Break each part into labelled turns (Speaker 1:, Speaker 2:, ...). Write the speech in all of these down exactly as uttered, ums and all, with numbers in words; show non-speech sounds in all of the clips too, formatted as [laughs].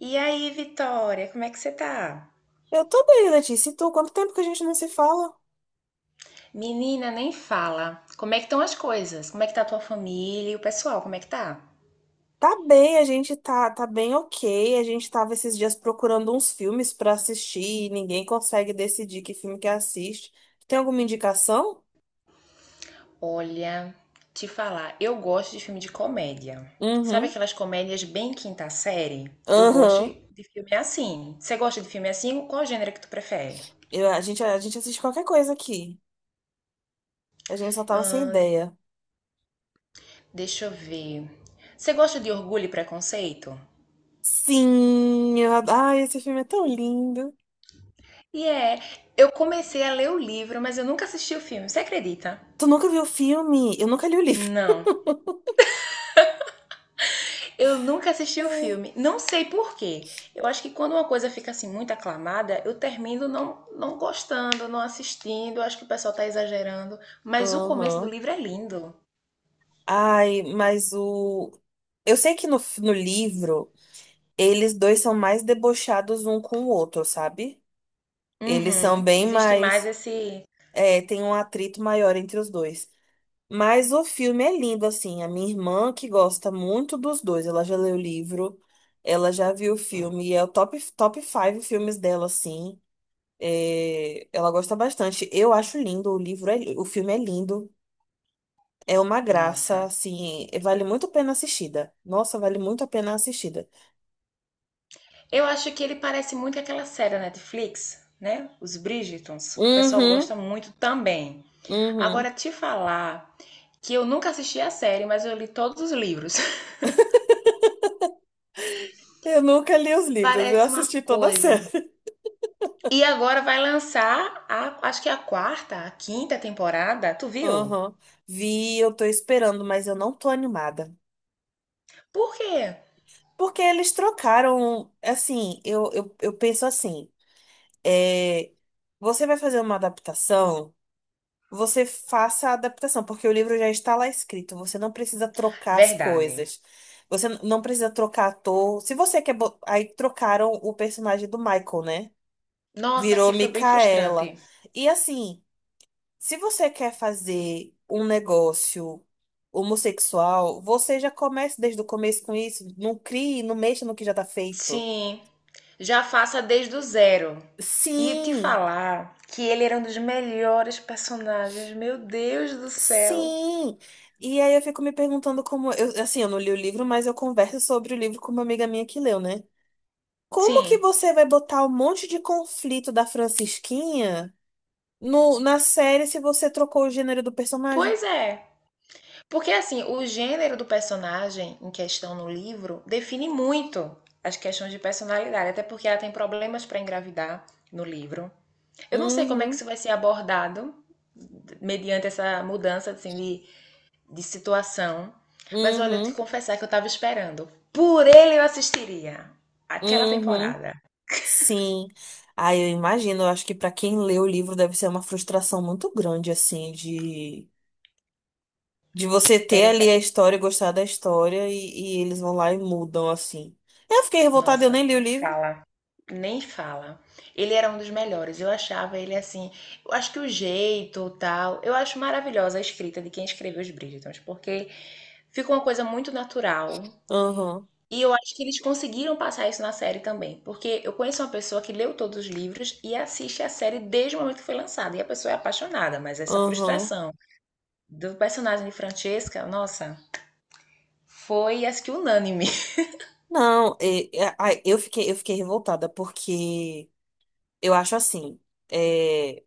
Speaker 1: E aí, Vitória, como é que você tá?
Speaker 2: Eu tô bem, Letícia. E tu? Quanto tempo que a gente não se fala?
Speaker 1: Menina, nem fala. Como é que estão as coisas? Como é que tá a tua família e o pessoal? Como é que tá?
Speaker 2: Tá bem, a gente tá, tá bem ok. A gente tava esses dias procurando uns filmes pra assistir e ninguém consegue decidir que filme que assiste. Tem alguma indicação?
Speaker 1: Olha, te falar, eu gosto de filme de comédia. Sabe
Speaker 2: Uhum.
Speaker 1: aquelas comédias bem quinta série? Eu gosto
Speaker 2: Aham.
Speaker 1: de filme assim. Você gosta de filme assim? Qual gênero que tu prefere?
Speaker 2: Eu- a gente, a gente assiste qualquer coisa aqui. A gente só tava sem ideia.
Speaker 1: Deixa eu ver. Você gosta de Orgulho e Preconceito?
Speaker 2: Sim, eu adoro. Ai, esse filme é tão lindo.
Speaker 1: E é, eu comecei a ler o livro, mas eu nunca assisti o filme. Você acredita?
Speaker 2: Tu nunca viu o filme? Eu nunca li o livro.
Speaker 1: Não. Eu nunca assisti o filme.
Speaker 2: É.
Speaker 1: Não sei por quê. Eu acho que quando uma coisa fica assim muito aclamada, eu termino não, não gostando, não assistindo. Eu acho que o pessoal tá exagerando. Mas o começo do
Speaker 2: Aham.
Speaker 1: livro é lindo.
Speaker 2: Ai, mas o. Eu sei que no, no livro. Eles dois são mais debochados um com o outro, sabe? Eles são
Speaker 1: Uhum.
Speaker 2: bem
Speaker 1: Existe mais
Speaker 2: mais.
Speaker 1: esse.
Speaker 2: É, tem um atrito maior entre os dois. Mas o filme é lindo, assim. A minha irmã, que gosta muito dos dois, ela já leu o livro, ela já viu o filme, e é o top, top faive filmes dela, assim. É, ela gosta bastante. Eu acho lindo, o livro é, li- o filme é lindo. É uma graça,
Speaker 1: Nossa.
Speaker 2: assim, vale muito a pena assistida. Nossa, vale muito a pena assistida.
Speaker 1: Eu acho que ele parece muito aquela série da Netflix, né? Os Bridgertons. O pessoal
Speaker 2: Uhum,
Speaker 1: gosta muito também.
Speaker 2: uhum.
Speaker 1: Agora, te falar que eu nunca assisti a série, mas eu li todos os livros. [laughs]
Speaker 2: Eu nunca li os livros, eu
Speaker 1: Parece uma
Speaker 2: assisti toda a [laughs]
Speaker 1: coisa.
Speaker 2: série.
Speaker 1: E agora vai lançar a, acho que é a quarta, a quinta temporada. Tu viu?
Speaker 2: Aham. Vi, eu tô esperando, mas eu não tô animada.
Speaker 1: Por quê?
Speaker 2: Porque eles trocaram, assim, eu, eu, eu penso assim, é, você vai fazer uma adaptação, você faça a adaptação, porque o livro já está lá escrito, você não precisa trocar as
Speaker 1: Verdade.
Speaker 2: coisas. Você n- não precisa trocar ator. Se você quer. Bo- Aí trocaram o personagem do Michael, né?
Speaker 1: Nossa,
Speaker 2: Virou
Speaker 1: aquilo foi bem
Speaker 2: Micaela.
Speaker 1: frustrante.
Speaker 2: E assim. Se você quer fazer um negócio homossexual, você já comece desde o começo com isso. Não crie, não mexa no que já tá feito.
Speaker 1: Sim, já faça desde o zero. E te
Speaker 2: Sim,
Speaker 1: falar que ele era um dos melhores personagens, meu Deus do céu.
Speaker 2: sim. E aí eu fico me perguntando como. Eu, assim, eu não li o livro, mas eu converso sobre o livro com uma amiga minha que leu, né? Como que
Speaker 1: Sim,
Speaker 2: você vai botar um monte de conflito da Francisquinha no, na série se você trocou o gênero do personagem?
Speaker 1: pois é. Porque assim, o gênero do personagem em questão no livro define muito as questões de personalidade, até porque ela tem problemas para engravidar no livro. Eu não sei como é que
Speaker 2: Uhum,
Speaker 1: isso vai ser abordado mediante essa mudança assim, de, de situação. Mas olha, eu te
Speaker 2: uhum,
Speaker 1: confessar que eu tava esperando. Por ele eu assistiria aquela
Speaker 2: uhum.
Speaker 1: temporada.
Speaker 2: Sim. Ah, eu imagino, eu acho que para quem lê o livro deve ser uma frustração muito grande, assim, de, de você ter
Speaker 1: Era o.
Speaker 2: ali
Speaker 1: pe-
Speaker 2: a história, gostar da história e, e eles vão lá e mudam, assim. Eu fiquei revoltada, eu
Speaker 1: Nossa,
Speaker 2: nem li o
Speaker 1: nem
Speaker 2: livro.
Speaker 1: fala. Nem fala. Ele era um dos melhores. Eu achava ele assim. Eu acho que o jeito, tal. Eu acho maravilhosa a escrita de quem escreveu os Bridgertons, porque fica uma coisa muito natural.
Speaker 2: Aham,
Speaker 1: E eu acho que eles conseguiram passar isso na série também, porque eu conheço uma pessoa que leu todos os livros e assiste a série desde o momento que foi lançada, e a pessoa é apaixonada, mas essa
Speaker 2: aham.
Speaker 1: frustração do personagem de Francesca, nossa, foi acho que unânime. [laughs]
Speaker 2: Não, e- e- ai, eu fiquei, eu fiquei revoltada porque eu acho assim. eh,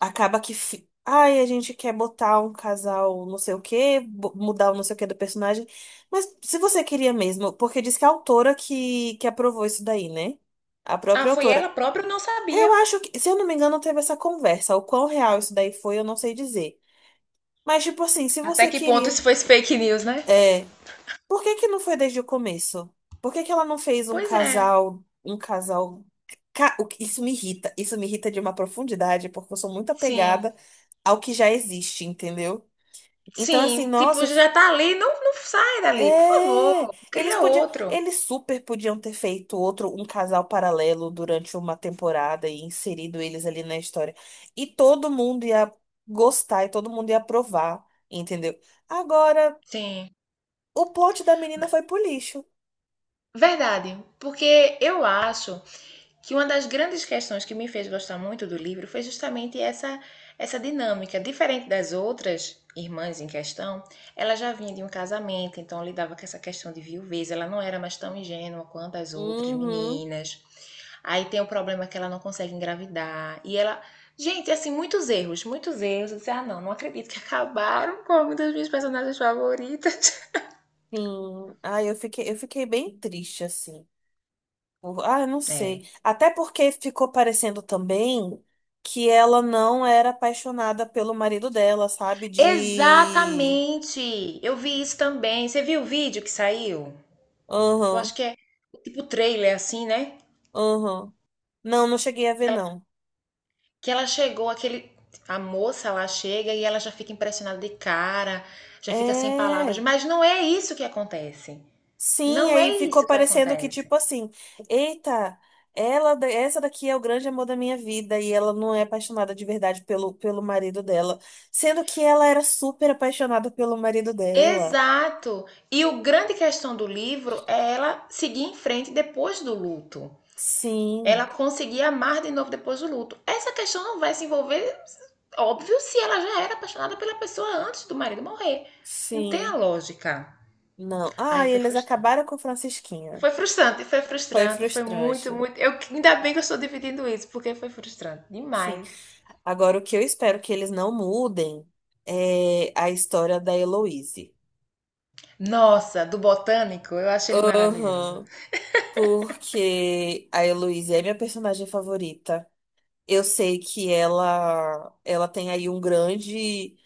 Speaker 2: acaba que. fi- Ai, a gente quer botar um casal não sei o quê, bo- mudar o não sei o quê do personagem. Mas se você queria mesmo, porque diz que a autora que, que aprovou isso daí, né? A
Speaker 1: Ah,
Speaker 2: própria
Speaker 1: foi ela
Speaker 2: autora.
Speaker 1: própria, eu não sabia.
Speaker 2: Eu acho que, se eu não me engano, teve essa conversa. O quão real isso daí foi, eu não sei dizer. Mas, tipo assim, se
Speaker 1: Até
Speaker 2: você
Speaker 1: que ponto
Speaker 2: queria.
Speaker 1: isso foi fake news, né?
Speaker 2: É, por que que não foi desde o começo? Por que que ela não fez um
Speaker 1: Pois é,
Speaker 2: casal, um casal? ca- o que- Isso me irrita, isso me irrita de uma profundidade, porque eu sou muito
Speaker 1: sim.
Speaker 2: apegada ao que já existe, entendeu? Então, assim,
Speaker 1: Sim,
Speaker 2: nossa,
Speaker 1: tipo,
Speaker 2: eu f-
Speaker 1: já tá ali, não, não sai dali, por favor,
Speaker 2: É, eles
Speaker 1: cria
Speaker 2: podiam,
Speaker 1: outro.
Speaker 2: eles super podiam ter feito outro, um casal paralelo durante uma temporada e inserido eles ali na história. E todo mundo ia gostar e todo mundo ia aprovar, entendeu? Agora,
Speaker 1: Sim.
Speaker 2: o plot da menina foi pro lixo.
Speaker 1: Verdade, porque eu acho que uma das grandes questões que me fez gostar muito do livro foi justamente essa essa dinâmica diferente das outras irmãs em questão. Ela já vinha de um casamento, então lidava com essa questão de viuvez, ela não era mais tão ingênua quanto as outras
Speaker 2: Uhum.
Speaker 1: meninas. Aí tem o problema que ela não consegue engravidar e ela, gente, assim, muitos erros, muitos erros. Eu disse, ah, não não acredito que acabaram com uma das minhas personagens favoritas.
Speaker 2: Sim, ai, eu fiquei, eu fiquei bem triste, assim. Por- Ah, eu não
Speaker 1: É,
Speaker 2: sei. Até porque ficou parecendo também que ela não era apaixonada pelo marido dela, sabe? De.
Speaker 1: exatamente, eu vi isso também. Você viu o vídeo que saiu? Eu acho
Speaker 2: Aham,
Speaker 1: que é tipo trailer, assim, né?
Speaker 2: aham. Não, não cheguei a ver,
Speaker 1: Que ela,
Speaker 2: não.
Speaker 1: que ela chegou, aquele. A moça lá chega e ela já fica impressionada de cara, já fica sem palavras.
Speaker 2: É.
Speaker 1: Mas não é isso que acontece.
Speaker 2: Sim,
Speaker 1: Não
Speaker 2: aí
Speaker 1: é
Speaker 2: ficou
Speaker 1: isso que
Speaker 2: parecendo que, tipo
Speaker 1: acontece.
Speaker 2: assim, eita, ela, da- essa daqui é o grande amor da minha vida e ela não é apaixonada de verdade pelo, pelo marido dela. Sendo que ela era super apaixonada pelo marido dela.
Speaker 1: Exato. E o grande questão do livro é ela seguir em frente depois do luto. Ela
Speaker 2: Sim,
Speaker 1: conseguir amar de novo depois do luto. Essa questão não vai se envolver, óbvio, se ela já era apaixonada pela pessoa antes do marido morrer. Não tem a
Speaker 2: sim.
Speaker 1: lógica.
Speaker 2: Não. Ah,
Speaker 1: Aí
Speaker 2: e
Speaker 1: foi
Speaker 2: eles
Speaker 1: frustrante.
Speaker 2: acabaram com Francisquinha.
Speaker 1: Foi frustrante, foi
Speaker 2: Foi
Speaker 1: frustrante, foi muito,
Speaker 2: frustrante.
Speaker 1: muito. Eu, ainda bem que eu estou dividindo isso, porque foi frustrante
Speaker 2: Sim.
Speaker 1: demais.
Speaker 2: Agora, o que eu espero que eles não mudem é a história da Heloise.
Speaker 1: Nossa, do botânico, eu acho ele maravilhoso.
Speaker 2: Aham. Porque a Heloise é minha personagem favorita. Eu sei que ela, ela tem aí um grande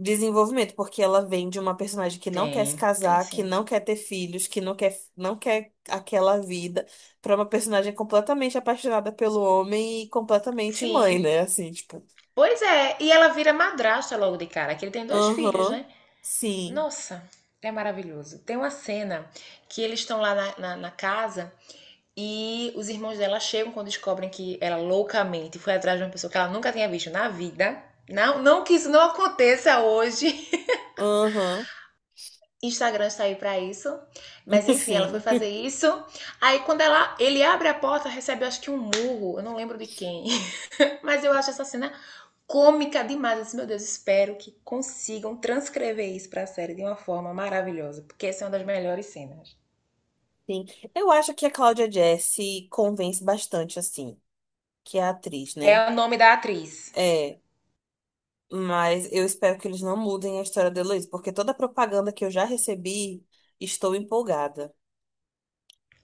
Speaker 2: desenvolvimento, porque ela vem de uma personagem que não quer se
Speaker 1: Tem, tem
Speaker 2: casar, que
Speaker 1: sim.
Speaker 2: não quer ter filhos, que não quer, não quer aquela vida, pra uma personagem completamente apaixonada pelo homem e completamente mãe,
Speaker 1: Sim.
Speaker 2: né? Assim, tipo,
Speaker 1: Pois é, e ela vira madrasta logo de cara, que ele tem dois filhos,
Speaker 2: aham,
Speaker 1: né?
Speaker 2: sim,
Speaker 1: Nossa, é maravilhoso. Tem uma cena que eles estão lá na, na, na casa e os irmãos dela chegam quando descobrem que ela loucamente foi atrás de uma pessoa que ela nunca tinha visto na vida. Não, não que isso não aconteça hoje.
Speaker 2: aham,
Speaker 1: Instagram está aí para isso. Mas
Speaker 2: [laughs]
Speaker 1: enfim, ela foi
Speaker 2: sim,
Speaker 1: fazer isso. Aí quando ela, ele abre a porta, recebe acho que um murro, eu não lembro de quem. [laughs] Mas eu acho essa cena cômica demais. Eu disse, meu Deus, espero que consigam transcrever isso para a série de uma forma maravilhosa, porque essa é uma das melhores cenas.
Speaker 2: sim. Eu acho que a Cláudia Jesse convence bastante, assim, que é a atriz, né?
Speaker 1: É o nome da atriz.
Speaker 2: É, mas eu espero que eles não mudem a história da Heloísa, porque toda a propaganda que eu já recebi, estou empolgada.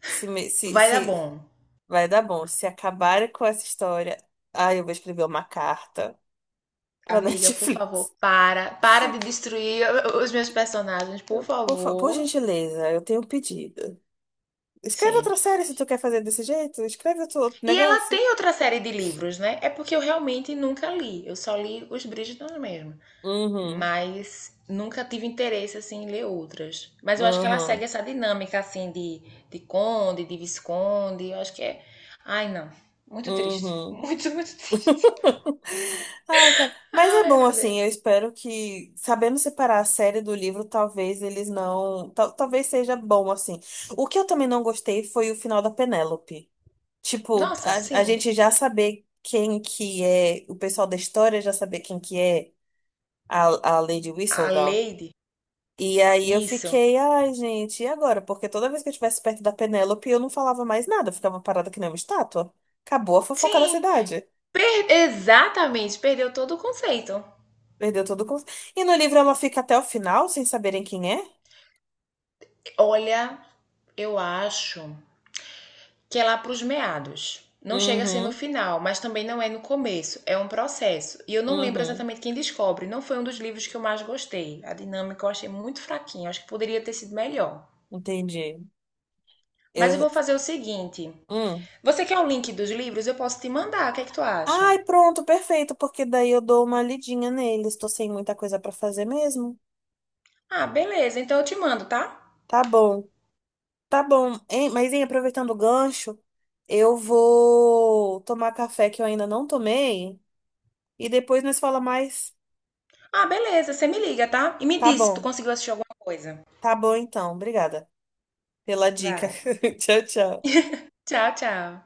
Speaker 2: Se, me- se,
Speaker 1: Vai dar
Speaker 2: se,
Speaker 1: bom.
Speaker 2: Vai dar bom. Se acabarem com essa história, ai, eu vou escrever uma carta pra [laughs]
Speaker 1: Amiga, por favor,
Speaker 2: Netflix.
Speaker 1: para, para de destruir os meus personagens, por
Speaker 2: Por, fa- por
Speaker 1: favor.
Speaker 2: gentileza, eu tenho um pedido. Escreve outra
Speaker 1: Sim,
Speaker 2: série se tu quer fazer desse jeito. Escreve outro outro
Speaker 1: e ela
Speaker 2: negócio.
Speaker 1: tem outra série de livros, né? É porque eu realmente nunca li. Eu só li os Bridgerton mesmo.
Speaker 2: Uhum,
Speaker 1: Mas nunca tive interesse, assim, em ler outras. Mas eu acho que ela segue
Speaker 2: uhum,
Speaker 1: essa dinâmica, assim, de, de conde, de visconde. Eu acho que é... Ai, não. Muito triste. [laughs]
Speaker 2: uhum.
Speaker 1: Muito, muito triste.
Speaker 2: [laughs] Ai, cara. Mas é
Speaker 1: Ai,
Speaker 2: bom,
Speaker 1: meu
Speaker 2: assim, eu
Speaker 1: Deus.
Speaker 2: espero que, sabendo separar a série do livro, talvez eles não. tal- talvez seja bom, assim. O que eu também não gostei foi o final da Penélope. Tipo,
Speaker 1: Nossa,
Speaker 2: a, a
Speaker 1: sim.
Speaker 2: gente já saber quem que é, o pessoal da história já saber quem que é a, a Lady
Speaker 1: A
Speaker 2: Whistledown.
Speaker 1: Lady.
Speaker 2: E aí eu
Speaker 1: Isso.
Speaker 2: fiquei, ai, gente, e agora? Porque toda vez que eu estivesse perto da Penélope, eu não falava mais nada, eu ficava parada que nem uma estátua. Acabou a fofoca da
Speaker 1: Sim.
Speaker 2: cidade.
Speaker 1: Per- Exatamente. Perdeu todo o conceito.
Speaker 2: Perdeu todo o... con- E no livro ela fica até o final sem saberem quem é?
Speaker 1: Olha, eu acho que é lá para os meados. Não chega a ser no
Speaker 2: Uhum,
Speaker 1: final, mas também não é no começo, é um processo. E eu não lembro
Speaker 2: uhum,
Speaker 1: exatamente quem descobre, não foi um dos livros que eu mais gostei. A dinâmica eu achei muito fraquinha, acho que poderia ter sido melhor.
Speaker 2: entendi.
Speaker 1: Mas eu
Speaker 2: Eu...
Speaker 1: vou fazer o seguinte:
Speaker 2: Hum.
Speaker 1: você quer o link dos livros? Eu posso te mandar, o que é que tu acha?
Speaker 2: Ai, pronto, perfeito, porque daí eu dou uma lidinha neles. Tô sem muita coisa pra fazer mesmo.
Speaker 1: Ah, beleza, então eu te mando, tá?
Speaker 2: Tá bom. Tá bom, hein? Mas, hein, aproveitando o gancho, eu vou tomar café que eu ainda não tomei e depois nós fala mais.
Speaker 1: Ah, beleza, você me liga, tá? E me
Speaker 2: Tá
Speaker 1: diz se tu
Speaker 2: bom.
Speaker 1: conseguiu assistir alguma coisa.
Speaker 2: Tá bom, então. Obrigada pela dica.
Speaker 1: Vai.
Speaker 2: [laughs] Tchau, tchau.
Speaker 1: Tchau, tchau.